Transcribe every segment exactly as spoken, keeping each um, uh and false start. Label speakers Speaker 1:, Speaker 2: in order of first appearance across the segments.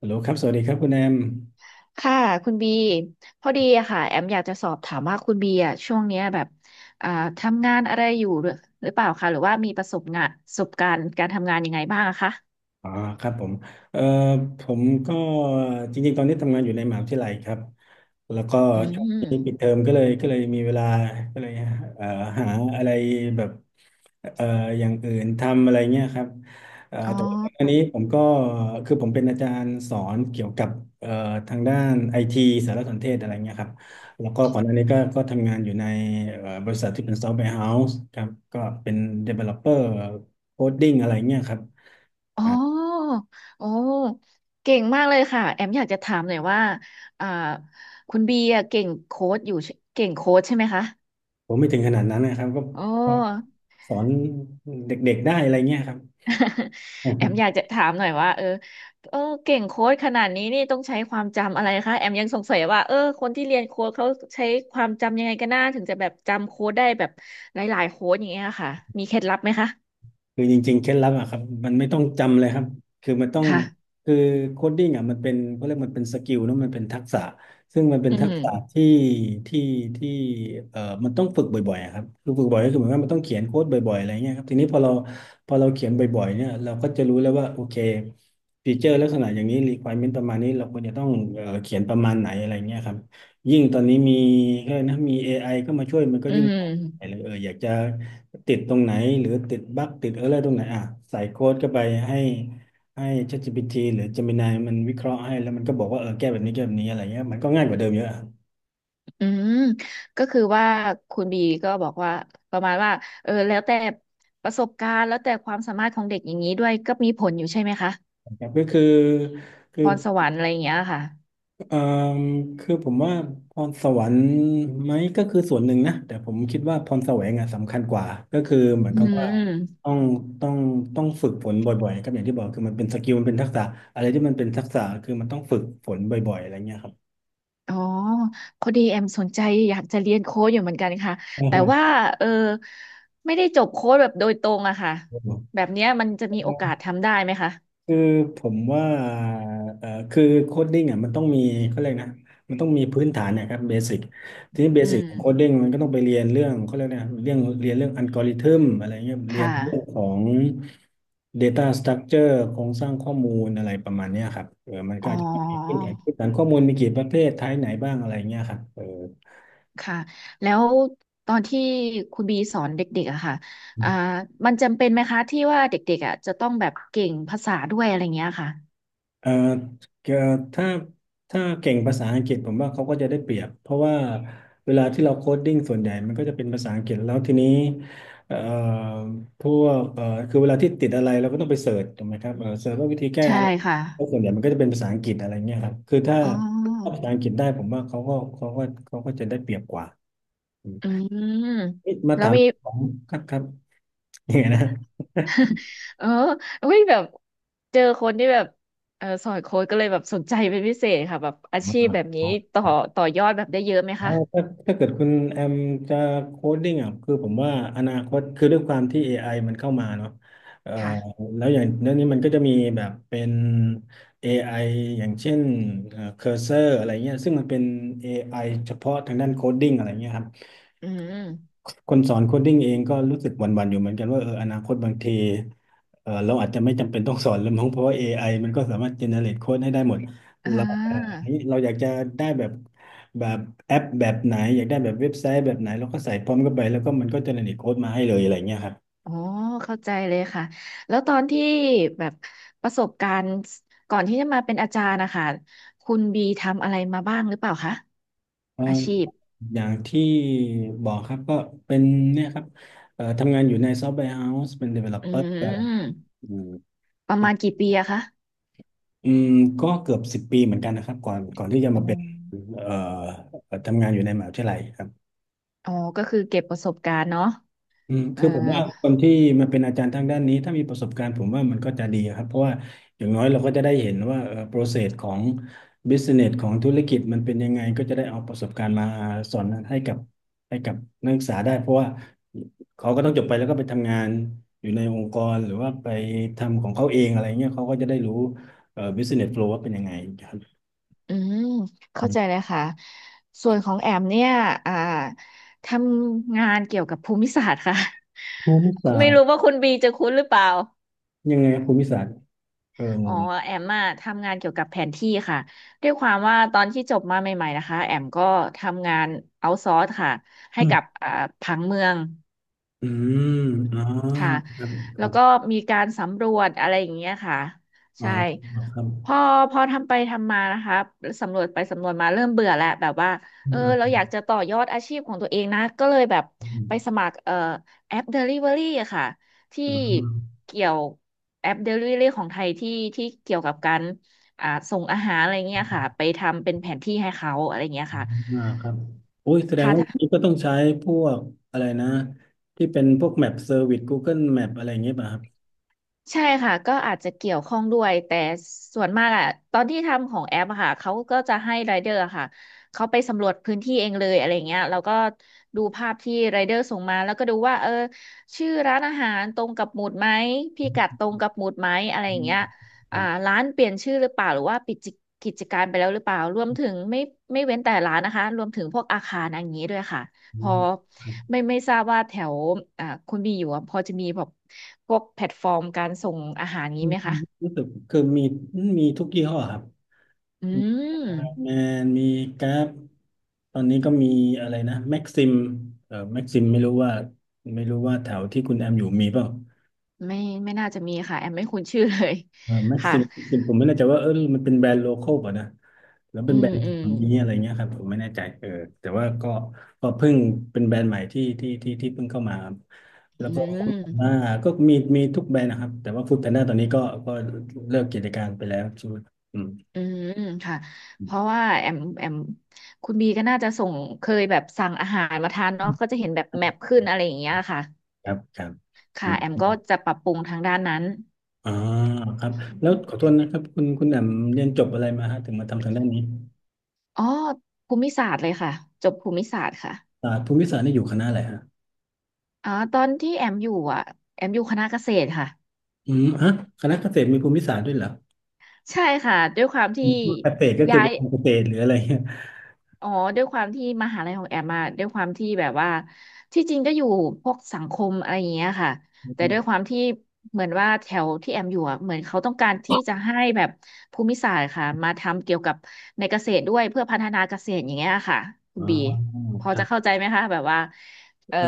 Speaker 1: ฮัลโหลครับ สวัสดีครับคุณแอม
Speaker 2: ค่ะคุณบีพอดีอะค่ะแอมอยากจะสอบถามว่าคุณบีอะช่วงเนี้ยแบบอ่าทำงานอะไรอยู่หรือหรือเปล่าคะหรือว่ามีประสบงานประสบการณ์การทำงานยังไงบ้างอะคะ
Speaker 1: อ๋อครับผมเอ่อผมก็จริงๆ ตอนนี้ทำงานอยู่ในมหาวิทยาลัยครับ แล้วก็
Speaker 2: อื
Speaker 1: ช่วงนี้ปิดเท
Speaker 2: ม
Speaker 1: อมก็เลยก็เลยมีเวลาก็เลยเอ่อหาอะไรแบบเอ่ออย่างอื่นทำอะไรเงี้ยครับเอ่อ
Speaker 2: อ๋
Speaker 1: แต่ว่าอัน
Speaker 2: อ
Speaker 1: นี้ผมก็คือผมเป็นอาจารย์สอนเกี่ยวกับเอ่อทางด้านไอทีสารสนเทศอะไรเงี้ยครับแล้วก็ก่อนหน้านี้ก็ก็ทำงานอยู่ในเอ่อบริษัทที่เป็นซอฟต์แวร์เฮาส์ครับก็เป็น developer coding อะไรเงี้ยครับ
Speaker 2: อ๋อโอ้เก่งมากเลยค่ะแอมอยากจะถามหน่อยว่าอ่าคุณบีอะเก่งโค้ดอยู่ใช่เก่งโค้ดใช่ไหมคะ
Speaker 1: ผมไม่ถึงขนาดนั้นนะครับก็
Speaker 2: โอ้
Speaker 1: ก็สอนเด็กๆได้อะไรเงี้ยครับ
Speaker 2: แอมอยากจะถามหน่อยว่าเออเออเก่งโค้ดขนาดนี้นี่ต้องใช้ความจำอะไรคะแอมยังสงสัยว่าเออคนที่เรียนโค้ดเขาใช้ความจำยังไงกันน้าถึงจะแบบจำโค้ดได้แบบหลายๆโค้ดอย่างเงี้ยค่ะมีเคล็ดลับไหมคะ
Speaker 1: คือจริงๆเคล็ดลับอะครับมันไม่ต้องจำเลยครับคือมันต้อง
Speaker 2: ค่ะ
Speaker 1: คือโคดดิ้งอะมันเป็นเขาเรียกมันเป็นสกิลเนอะมันเป็นทักษะซึ่งมันเป็น
Speaker 2: อื
Speaker 1: ทัก
Speaker 2: ม
Speaker 1: ษะที่ที่ที่เอ่อมันต้องฝึกบ่อยๆอะครับคือฝึกบ่อยก็คือหมายความว่ามันต้องเขียนโค้ดบ่อยๆอะไรเงี้ยครับทีนี้พอเราพอเราเขียนบ่อยๆเนี่ยเราก็จะรู้แล้วว่าโอเคฟีเจอร์ลักษณะอย่างนี้ requirement ประมาณนี้เราควรจะต้องเอ่อเขียนประมาณไหนอะไรเงี้ยครับยิ่งตอนนี้มีก็นะมี เอ ไอ ก็มาช่วยมันก็
Speaker 2: อื
Speaker 1: ยิ่งง่ายเล
Speaker 2: ม
Speaker 1: ยเอออยากจะ ติดตรงไหนหรือติดบั๊กติดเออร์เลอร์ตรงไหนอ่ะใส่โค้ดเข้าไปให้ให้ ChatGPT หรือ Gemini มันวิเคราะห์ให้แล้วมันก็บอกว่าเออแก้แบบนี้แก้แบบนี้อะไรเงี้ยมันก็ง่ายกว่าเดิมเยอะอะค
Speaker 2: อืมก็คือว่าคุณบีก็บอกว่าประมาณว่าเออแล้วแต่ประสบการณ์แล้วแต่ความสามารถของเด็กอย่างนี้ด้วยก็มีผลอยู่ใช่ไหมคะ
Speaker 1: รับก็คือคือ
Speaker 2: พรสวรรค์อะไรอย่างเงี้ยค่ะ
Speaker 1: เอ่อคือผมว่าพรสวรรค์ไหมก็คือส่วนหนึ่งนะแต่ผมคิดว่าพรแสวงอ่ะสำคัญกว่าก็คือเหมือน
Speaker 2: อื
Speaker 1: กับว่า
Speaker 2: ม
Speaker 1: ต้องต้องต้องฝึกฝนบ่อยๆครับอย่างที่บอกคือมันเป็นสกิลมันเป็นทักษะอะไรที่มันเป็นทักษะคือมันต้องฝึกฝนบ่อยๆอะไรเงี้ยครับ
Speaker 2: อ๋อพอดีแอมสนใจอยากจะเรียนโค้ดอยู่เหมือนกันค่ะ
Speaker 1: อือ
Speaker 2: แต่ว่า
Speaker 1: ฮ
Speaker 2: เออไม่ได้จบโค้ดแบบโดยตรงอะค่ะแบบเนี้ยมันจะมีโอ
Speaker 1: ึ
Speaker 2: กาสทำได้ไหมคะ
Speaker 1: คือผมว่าเอ่อคือโคดดิ้งอ่ะมันต้องมีเขาเรียกนะมันต้องมีพื้นฐานนะครับเบสิกทีนี้เบ
Speaker 2: อื
Speaker 1: สิกของโคด
Speaker 2: ม
Speaker 1: ดิ้งมันก็ต้องไปเรียนเรื่องเขาเรียกนะเรื่องเรียนเรื่องอัลกอริทึมอะไรเงี้ยเรียน
Speaker 2: ค่ะ
Speaker 1: เรื่องของ Data Structure โครงสร้างข้อมูลอะไรประมาณเนี้ยครับเออมันก็
Speaker 2: อ๋
Speaker 1: อา
Speaker 2: อ
Speaker 1: จจะต้องมีพื้นฐานพื้นฐานข้อมูลมีกี่ประเภทไทป์ไหนบ้างอะไรเงี้ยครับเออ
Speaker 2: ค่ะแล้วตอนที่คุณบีสอนเด็กๆอะค่ะอ่ามันจำเป็นไหมคะที่ว่าเด็กๆอะจะต้องแบบเก่งภาษาด้วยอะไรเงี้ยค่ะ
Speaker 1: เอ่อเอ่อถ้าถ้าเก่งภาษาอังกฤษผมว่าเขาก็จะได้เปรียบเพราะว่าเวลาที่เราโค้ดดิ้งส่วนใหญ่มันก็จะเป็นภาษาอังกฤษแล้วทีนี้เอ่อพวกเอ่อคือเวลาที่ติดอะไรเราก็ต้องไปเสิร์ชถูกไหมครับเออเสิร์ชว่าวิธีแก้
Speaker 2: ใช่
Speaker 1: อะไร
Speaker 2: ค่ะ
Speaker 1: แล้วส่วนใหญ่มันก็จะเป็นภาษาอังกฤษอะไรเงี้ยครับคือถ้า
Speaker 2: อ๋
Speaker 1: ถ้า
Speaker 2: อ
Speaker 1: ภาษาอังกฤษได้ผมว่าเขาก็เขาก็เขาก็จะได้เปรียบกว่าอืม
Speaker 2: อืม
Speaker 1: เอ๊ะมา
Speaker 2: แล้ว
Speaker 1: ถาม
Speaker 2: มี
Speaker 1: ผมครับครับยังไงนะ
Speaker 2: เออเฮ้ยแบบเจอคนที่แบบเออสอนโค้ดก็เลยแบบสนใจเป็นพิเศษค่ะแบบอาชีพแบบนี้
Speaker 1: อ่า
Speaker 2: ต่อต่อยอดแบบได้เยอะไหม
Speaker 1: อ๋อ
Speaker 2: คะ
Speaker 1: ถ้าถ้าเกิดคุณแอมจะโคดดิ้งอ่ะคือผมว่าอนาคตคือด้วยความที่ เอ ไอ มันเข้ามาเนาะเอ่อ
Speaker 2: ค่ะ
Speaker 1: แล้วอย่างเรื่องนี้มันก็จะมีแบบเป็น เอ ไอ อไออย่างเช่นเคอร์เซอร์อะไรเงี้ยซึ่งมันเป็น เอ ไอ เฉพาะทางด้านโคดดิ้งอะไรเงี้ยครับ
Speaker 2: อืม
Speaker 1: คนสอนโคดดิ้งเองก็รู้สึกหวั่นๆอยู่เหมือนกันว่าเอออนาคตบางที เออเราอาจจะไม่จำเป็นต้องสอนแล้วมั้งเพราะว่า เอ ไอ มันก็สามารถเจเนเรตโค้ดให้ได้หมด
Speaker 2: อ่
Speaker 1: เราเอ่อ
Speaker 2: า
Speaker 1: นี่เราอยากจะได้แบบแบบแอปแบบไหนอยากได้แบบเว็บไซต์แบบไหนเราก็ใส่พร้อมเข้าไปแล้วก็มันก็เจเนเรตโค้ดมาให้เลยอะไรเงี้ยครับ
Speaker 2: อ๋อเข้าใจเลยค่ะแล้วตอนที่แบบประสบการณ์ก่อนที่จะมาเป็นอาจารย์นะคะคุณบีทำอะไรมาบ้างหรือเปล่าคะ
Speaker 1: เออ
Speaker 2: อาชีพ
Speaker 1: อย่างที่บอกครับก็เป็นเนี่ยครับเอ่อทำงานอยู่ในซอฟต์แวร์เฮาส์เป็น
Speaker 2: อื
Speaker 1: developer
Speaker 2: ม
Speaker 1: อืม
Speaker 2: ประมาณกี่ปีอะคะ
Speaker 1: อืมก็เกือบสิบปีเหมือนกันนะครับก่อนก่อนที่จะ
Speaker 2: อ๋
Speaker 1: มาเป็น
Speaker 2: อ
Speaker 1: เอ่อทำงานอยู่ในมหาวิทยาลัย
Speaker 2: อ๋อก็คือเก็บประสบการณ์เนาะ
Speaker 1: อืม
Speaker 2: เออ
Speaker 1: คือผมว่าคนที่มาเป็นอาจารย์ทางด้านนี้ถ้ามีประสบการณ์ผมว่ามันก็จะดีครับเพราะว่าอย่างน้อยเราก็จะได้เห็นว่าเอ่อ process ของ business ของธุรกิจมันเป็นยังไงก็จะได้เอาประสบการณ์มาสอนให้กับให้กับนักศึกษาได้เพราะว่าเขาก็ต้องจบไปแล้วก็ไปทำงานอยู่ในองค์กรหรือว่าไปทำของเขาเองอะไรเงี้ยเขาก็จะได้รู้เอ่อ business flow ว่าเป็นยังไงครับ
Speaker 2: อืมเข้า
Speaker 1: อื
Speaker 2: ใจ
Speaker 1: ม
Speaker 2: เลยค่ะส่วนของแอมเนี่ยอ่าทำงานเกี่ยวกับภูมิศาสตร์ค่ะ
Speaker 1: ภูมิศา
Speaker 2: ไม่
Speaker 1: สตร์
Speaker 2: รู้ว่าคุณบีจะคุ้นหรือเปล่า
Speaker 1: ยังไงครับภูมิศาสตร์เออง
Speaker 2: อ๋อ
Speaker 1: ง
Speaker 2: แอมอะทำงานเกี่ยวกับแผนที่ค่ะด้วยความว่าตอนที่จบมาใหม่ๆนะคะแอมก็ทำงานเอาซอร์สค่ะให้
Speaker 1: อืม
Speaker 2: กับอ่าผังเมือง
Speaker 1: อืมอ๋อ
Speaker 2: ค่ะ
Speaker 1: คร
Speaker 2: แล้
Speaker 1: ั
Speaker 2: ว
Speaker 1: บ
Speaker 2: ก็มีการสำรวจอะไรอย่างเงี้ยค่ะ
Speaker 1: อ๋อ
Speaker 2: ใช่
Speaker 1: ครับครับ
Speaker 2: พอพอทำไปทำมานะคะ สำรวจไปสำรวจมาเริ่มเบื่อแล้วแบบว่า เออเราอยากจะต่อยอดอาชีพของตัวเองนะ ก็เลยแบบ
Speaker 1: อ
Speaker 2: ไปสมัครเอ่อแอป Delivery อะค่ะ ที่
Speaker 1: ๋อ
Speaker 2: เกี่ยวแอป Delivery ของไทยที่ที่เกี่ยวกับการอ่าส่งอาหารอะไรเงี้ยค่ะ ไปทำเป็นแผนที่ให้เขาอะไรเงี้ย
Speaker 1: อ
Speaker 2: ค่ะ
Speaker 1: ่าครับโอ้ยแสดงว่า
Speaker 2: ค่ะ
Speaker 1: นี้ก็ต้องใช้พวกอะไรนะที่เป็นพวกแมปเซอร์วิส Google Map อะไรอย่างเงี้ยป่ะครับ
Speaker 2: ใช่ค่ะก็อาจจะเกี่ยวข้องด้วยแต่ส่วนมากอะตอนที่ทำของแอปอะค่ะเขาก็จะให้ไรเดอร์อะค่ะเขาไปสำรวจพื้นที่เองเลยอะไรเงี้ยแล้วก็ดูภาพที่ไรเดอร์ส่งมาแล้วก็ดูว่าเออชื่อร้านอาหารตรงกับหมุดไหมพิ
Speaker 1: อ
Speaker 2: กัดตรงกับหมุดไหมอะไรอ
Speaker 1: ื
Speaker 2: ย่าง
Speaker 1: ม
Speaker 2: เงี้ย
Speaker 1: ค
Speaker 2: อ่า
Speaker 1: รับ
Speaker 2: ร้านเปลี่ยนชื่อหรือเปล่าหรือว่าปิดกิจการไปแล้วหรือเปล่ารวมถึงไม่ไม่เว้นแต่ร้านนะคะรวมถึงพวกอาคารอย่างนี้ด้วยค่ะ
Speaker 1: อื
Speaker 2: พอ
Speaker 1: มครับ
Speaker 2: ไม่ไม่ทราบว่าแถวอ่าคุณบีอยู่อะพอจะมีแบบพวกแพลตฟอร์มการส่งอาหาร
Speaker 1: อื
Speaker 2: นี้
Speaker 1: ม
Speaker 2: ไหมคะ
Speaker 1: รู้สึกคือมีมีทุกยี่ห้อครับ
Speaker 2: อื
Speaker 1: มี
Speaker 2: ม
Speaker 1: แมนมีกราฟตอนนี้ก็มีอะไรนะแม็กซิมเอ่อแม็กซิมไม่รู้ว่าไม่รู้ว่าแถวที่คุณแอมอยู่มีเปล่า
Speaker 2: ไม่ไม่น่าจะมีค่ะแอมไม่คุ้นชื่อเลย
Speaker 1: เออแม็ก
Speaker 2: ค่ะ
Speaker 1: ซิมผมไม่แน่ใจว่าเออมันเป็นแบรนด์โลคอลป่ะนะ แล้ว
Speaker 2: อื
Speaker 1: เป็นแบร
Speaker 2: ม
Speaker 1: นด์
Speaker 2: อืม
Speaker 1: นี้อะไรเงี้ยครับผมไม่แน่ใจเออแต่ว่าก็ก็เพิ่งเป็นแบรนด์ใหม่ที่ที่ที่ที่เพิ่งเข้ามาครับ
Speaker 2: อื
Speaker 1: แล้วก็ฟู้ดแพน
Speaker 2: ม
Speaker 1: ด้าก็มีมีทุกแบรนด์นะครับแต่ว่าฟู้ดแพนด้าตอนนี้ก็ก็เลิกกิจการไปแล้วใช่ไหมอืม
Speaker 2: อืมค่ะ
Speaker 1: อื
Speaker 2: เพราะว่าแอมแอมคุณบีก็น่าจะส่งเคยแบบสั่งอาหารมาทานเนาะก็
Speaker 1: ม
Speaker 2: จะเห็นแบบแมปขึ้นอะไรอย่างเงี้ยค่ะ
Speaker 1: ครับครับอื
Speaker 2: ค่ะ
Speaker 1: ม
Speaker 2: แอมก็จะปรับปรุงทางด้านนั้น
Speaker 1: อ่าครับแล้วขอโทษนะครับคุณคุณแหม่มเรียนจบอะไรมาฮะถึงมาทำทางด้านนี้
Speaker 2: อ๋อภูมิศาสตร์เลยค่ะจบภูมิศาสตร์ค่ะ
Speaker 1: ศาสตร์ภูมิศาสตร์นี่อยู่คณะอะไรฮะ
Speaker 2: อ๋อตอนที่แอมอยู่อ่ะแอมอยู่คณะเกษตรค่ะ
Speaker 1: อืมฮะคณะเกษตรมีภูมิศาสตร์ด้วยเหรอ
Speaker 2: ใช่ค่ะด้วยความ
Speaker 1: ผ
Speaker 2: ที่
Speaker 1: มว่าเกษตรก็คือ
Speaker 2: ย้า
Speaker 1: ไป
Speaker 2: ย
Speaker 1: นทำเกษตรหรืออะไรเงี้ย
Speaker 2: อ๋อด้วยความที่มหาลัยของแอมมาด้วยความที่แบบว่าที่จริงก็อยู่พวกสังคมอะไรอย่างเงี้ยค่ะแต่ด้วยความที่เหมือนว่าแถวที่แอมอยู่อ่ะเหมือนเขาต้องการที่จะให้แบบภูมิศาสตร์ค่ะมาทำเกี่ยวกับในเกษตรด้วยเพื่อพัฒนาเกษตรอย่างเงี้ยค่ะคุ
Speaker 1: อ๋
Speaker 2: ณ
Speaker 1: อ
Speaker 2: บีพอ
Speaker 1: ครั
Speaker 2: จะเข้า
Speaker 1: บ
Speaker 2: ใจไหมคะแบบว่าเอ่อ
Speaker 1: เออ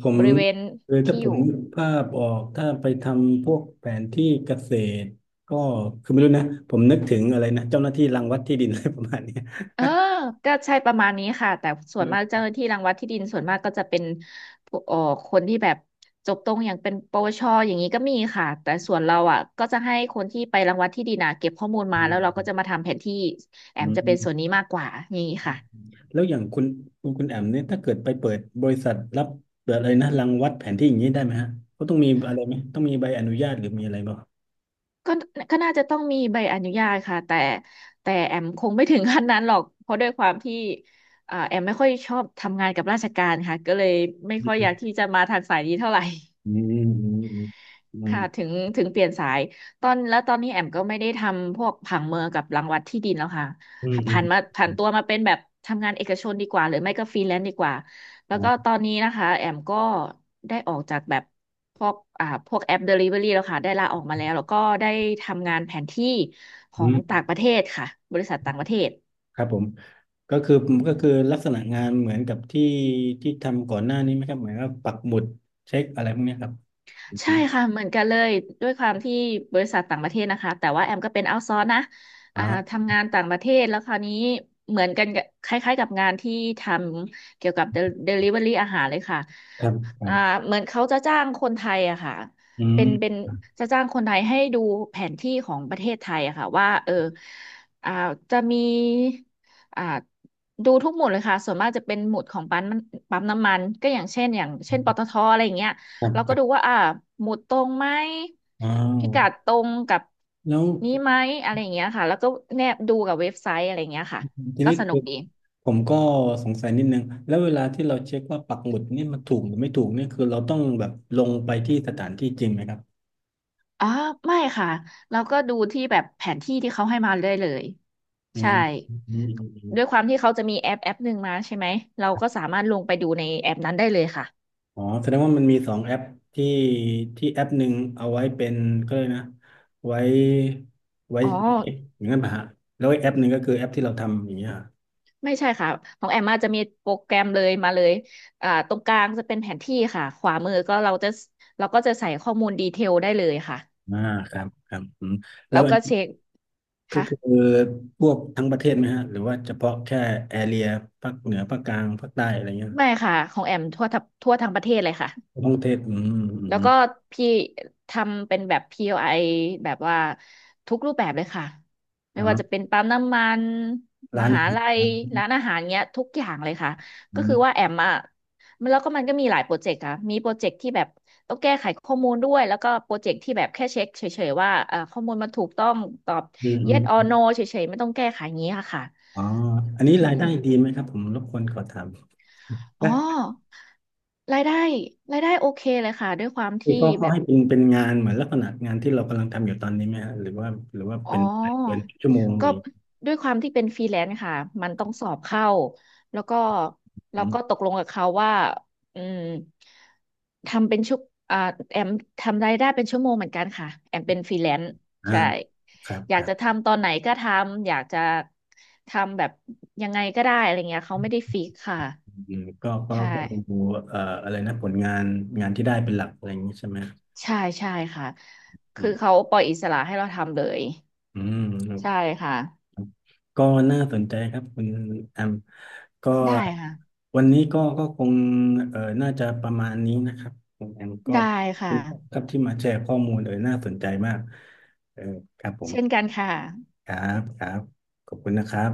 Speaker 1: ผม
Speaker 2: บริเวณ
Speaker 1: เออถ้า
Speaker 2: ที่
Speaker 1: ผ
Speaker 2: อ
Speaker 1: ม
Speaker 2: ยู่
Speaker 1: นึกภาพออกถ้าไปทำพวกแผนที่เกษตรก็คือไม่รู้นะผมนึกถึงอะไรนะเจ้าหน้าที่รังวัดที่ดิน อะไรประมาณเนี้ย
Speaker 2: เออ ก็ใช่ประมาณนี้ค่ะแต่ส่วนมาก
Speaker 1: เออ
Speaker 2: เจ้าหน้าที่รังวัดที่ดินส่วนมากก็จะเป็นผู้เอ่อคนที่แบบจบตรงอย่างเป็นปวชอย่างนี้ก็มีค่ะแต่ส่วนเราอ่ะก็จะให้คนที่ไปรังวัดที่ดินอ่ะเก็บข้อมูลมา
Speaker 1: อื
Speaker 2: แล้วเราก็จะ
Speaker 1: ม
Speaker 2: มาทำแผนที่แอ
Speaker 1: อื
Speaker 2: มจะเป็นส่วน
Speaker 1: ม
Speaker 2: นี้มากกว่าอย่างนี้ค่ะ
Speaker 1: แล้วอย่างคุณคุณคุณแอมเนี่ยถ้าเกิดไปเปิดบริษัทรับเปิดอะไรนะรังวัดแผนที่อย่างนี้ได้ไหมฮะเขาต้องมีอะไรไหมต้องมีใบอนุญาตหรือมีอะไรบ้าง
Speaker 2: ก็ก็น่าจะต้องมีใบอนุญาตค่ะแต่แต่แอมคงไม่ถึงขั้นนั้นหรอกเพราะด้วยความที่อ่าแอมไม่ค่อยชอบทำงานกับราชการค่ะก็เลยไม่ค่อยอยากที่จะมาทางสายนี้เท่าไหร่
Speaker 1: อืมอื
Speaker 2: ค่ะถึ
Speaker 1: ม
Speaker 2: งถึงเปลี่ยนสายตอนแล้วตอนนี้แอมก็ไม่ได้ทำพวกผังเมืองกับรังวัดที่ดินแล้วค่ะ
Speaker 1: อืมอืม
Speaker 2: ผ่าน
Speaker 1: อืม
Speaker 2: มาผ่า
Speaker 1: อื
Speaker 2: น
Speaker 1: ม
Speaker 2: ตัวมาเป็นแบบทำงานเอกชนดีกว่าหรือไม่ก็ฟรีแลนซ์ดีกว่าแล้
Speaker 1: อื
Speaker 2: ว
Speaker 1: ม
Speaker 2: ก็
Speaker 1: อืม
Speaker 2: ตอนนี้นะคะแอมก็ได้ออกจากแบบพวกอ่าพวกแอป Delivery แล้วค่ะได้ลาออกมาแล้วแล้วก็ได้ทำงานแผนที่ขอ
Speaker 1: อื
Speaker 2: ง
Speaker 1: ม
Speaker 2: ต่างประเทศค่ะบริษัทต่างประเทศ
Speaker 1: ครับผม ก็คือก็คือลักษณะงานเหมือนกับที่ที่ทำก่อนหน้านี้ไหมครับเหมือนกับปักหมุดเช็คอะไรพวกเนี้ยครับอื
Speaker 2: ใช่
Speaker 1: ม
Speaker 2: ค่ะเหมือนกันเลยด้วยความที่บริษัทต่างประเทศนะคะแต่ว่าแอมก็เป็นเอาท์ซอร์นะ
Speaker 1: อ๋
Speaker 2: อ่า
Speaker 1: อ
Speaker 2: ทำงานต่างประเทศแล้วคราวนี้เหมือนกันกับคล้ายๆกับงานที่ทำเกี่ยวกับเดลิเวอรี่อาหารเลยค่ะ
Speaker 1: ครั
Speaker 2: อ่า
Speaker 1: บ
Speaker 2: เหมือนเขาจะจ้างคนไทยอะค่ะ
Speaker 1: อออื
Speaker 2: เป็นเป็น
Speaker 1: ม
Speaker 2: จะจ้างคนไทยให้ดูแผนที่ของประเทศไทยอะค่ะว่าเอออ่าจะมีอ่าดูทุกหมุดเลยค่ะส่วนมากจะเป็นหมุดของปั๊มปั๊มน้ำมันก็อย่างเช่นอย่างเช่นปตทอะไรอย่างเงี้ย
Speaker 1: ครับ
Speaker 2: เรา
Speaker 1: ค
Speaker 2: ก็
Speaker 1: รั
Speaker 2: ดู
Speaker 1: บ
Speaker 2: ว่าอ่าหมุดตรงไหม
Speaker 1: อ้า
Speaker 2: พิ
Speaker 1: ว
Speaker 2: กัดตรงกับ
Speaker 1: แล้ว
Speaker 2: นี้ไหมอะไรอย่างเงี้ยค่ะแล้วก็แนบดูกับเว็บไซต์อะไรอย่างเงี้ยค่ะ
Speaker 1: ที
Speaker 2: ก็
Speaker 1: นี้
Speaker 2: สนุ
Speaker 1: คื
Speaker 2: ก
Speaker 1: อ
Speaker 2: ดี
Speaker 1: ผมก็สงสัยนิดนึงแล้วเวลาที่เราเช็คว่าปักหมุดเนี่ยมันถูกหรือไม่ถูกเนี่ยคือเราต้องแบบลงไปที่สถานที่จริงไหมครับ
Speaker 2: อ๋อไม่ค่ะเราก็ดูที่แบบแผนที่ที่เขาให้มาเลยเลย
Speaker 1: อื
Speaker 2: ใช่
Speaker 1: มอื
Speaker 2: ด้วยค
Speaker 1: ม
Speaker 2: วามที่เขาจะมีแอปแอปหนึ่งมาใช่ไหมเราก็สามารถลงไปดูในแอปนั้นได้เลยค่ะ
Speaker 1: อ๋อแสดงว่ามันมีสองแอปที่ที่แอปหนึ่งเอาไว้เป็นก็เลยกนะไว้ไว้
Speaker 2: อ๋อ
Speaker 1: เช็คอย่างนั้นป่ะฮะแล้วอีกแอปหนึ่งก็คือแอปที่เราทำอย่างเงี้ยฮะ
Speaker 2: ไม่ใช่ค่ะของแอมมาจะมีโปรแกรมเลยมาเลยอ่าตรงกลางจะเป็นแผนที่ค่ะขวามือก็เราจะเราก็จะใส่ข้อมูลดีเทลได้เลยค่ะ
Speaker 1: อ่าครับครับอืมแล้
Speaker 2: แล้
Speaker 1: ว
Speaker 2: ว
Speaker 1: อัน
Speaker 2: ก็
Speaker 1: นี้
Speaker 2: เช็ค
Speaker 1: ก็
Speaker 2: ค่ะ
Speaker 1: คือพวกทั้งประเทศไหมฮะหรือว่าเฉพาะแค่แอเรียภาคเหนือภาคกลางภาคใต้อะไรเงี้ย
Speaker 2: ไม่ค่ะของแอมทั่วทัทั่วทั้งประเทศเลยค่ะ
Speaker 1: ท้องเทศอืมอื
Speaker 2: แล้
Speaker 1: ม
Speaker 2: วก็พี่ทำเป็นแบบ พี โอ ไอ แบบว่าทุกรูปแบบเลยค่ะ
Speaker 1: อ๋
Speaker 2: ไม่ว่าจะ
Speaker 1: อ
Speaker 2: เป็นปั๊มน้ำมันม
Speaker 1: ร้านอา
Speaker 2: หา
Speaker 1: หา
Speaker 2: ลัย
Speaker 1: ร
Speaker 2: ร้านอาหารเงี้ยทุกอย่างเลยค่ะ
Speaker 1: อื
Speaker 2: ก็คือ
Speaker 1: ม
Speaker 2: ว่าแอมอ่ะมันแล้วก็มันก็มีหลายโปรเจกต์ค่ะมีโปรเจกต์ที่แบบต้องแก้ไขข้อมูลด้วยแล้วก็โปรเจกต์ที่แบบแค่เช็คเฉยๆว่าเอ่อข้อมูลมันถูกต้องตอบ
Speaker 1: อืมอื
Speaker 2: yes or
Speaker 1: ม
Speaker 2: no เฉยๆไม่ต้องแก้ไขอย่างนี้ค่ะค่ะ
Speaker 1: อ๋ออัน
Speaker 2: อื
Speaker 1: นี้รายได้ดี
Speaker 2: ม
Speaker 1: ไหมครับผมรบกวนขอถาม
Speaker 2: อ๋อรายได้รายได้โอเคเลยค่ะด้วยความ
Speaker 1: นี่
Speaker 2: ที่
Speaker 1: เขาเขา
Speaker 2: แบบ
Speaker 1: ให้เป็นเป็นงานเหมือนลักษณะงานที่เรากำลังทำอยู่ตอนนี้ไหมฮะหรือว่าหรือว่า
Speaker 2: อ๋อ
Speaker 1: เป็นเป็นชั่วโมงห
Speaker 2: ก็
Speaker 1: รือย่างงี้
Speaker 2: ด้วยความที่เป็นฟรีแลนซ์ค่ะมันต้องสอบเข้าแล้วก็เรา
Speaker 1: อื
Speaker 2: ก็ต
Speaker 1: ม
Speaker 2: กลงกับเขาว่าอืมทำเป็นชุกอ่าแอมทำรายได้เป็นชั่วโมงเหมือนกันค่ะแอมเป็นฟรีแลนซ์
Speaker 1: อ่า
Speaker 2: ใช่
Speaker 1: ครับ
Speaker 2: อ
Speaker 1: ค
Speaker 2: ยาก
Speaker 1: รั
Speaker 2: จะ
Speaker 1: บ
Speaker 2: ทำตอนไหนก็ทำอยากจะทำแบบยังไงก็ได้อะไรเงี้ยเขาไม่ได้ฟิกค่ะ
Speaker 1: อืมก็ก็
Speaker 2: ใช่
Speaker 1: ก็ดูเอ่ออะไรนะผลงานงานที่ได้เป็นหลักอะไรอย่างนี้ใช่ไหม
Speaker 2: ใช่ใช่ค่ะ
Speaker 1: อื
Speaker 2: คือ
Speaker 1: ม
Speaker 2: เขาปล่อยอิสระให้เราทำเลย
Speaker 1: อืมครับ
Speaker 2: ใช่ค่ะ
Speaker 1: ก็น่าสนใจครับคุณแอมก็
Speaker 2: ได้ค่ะ
Speaker 1: วันนี้ก็ก็คงเอ่อน่าจะประมาณนี้นะครับคุณแอมก็
Speaker 2: ได้
Speaker 1: ขอบคุ
Speaker 2: ค่ะ
Speaker 1: ณครับที่มาแชร์ข้อมูลเออน่าสนใจมากเออครับผม
Speaker 2: เช่นกันค่ะ
Speaker 1: ครับครับขอบคุณนะครับ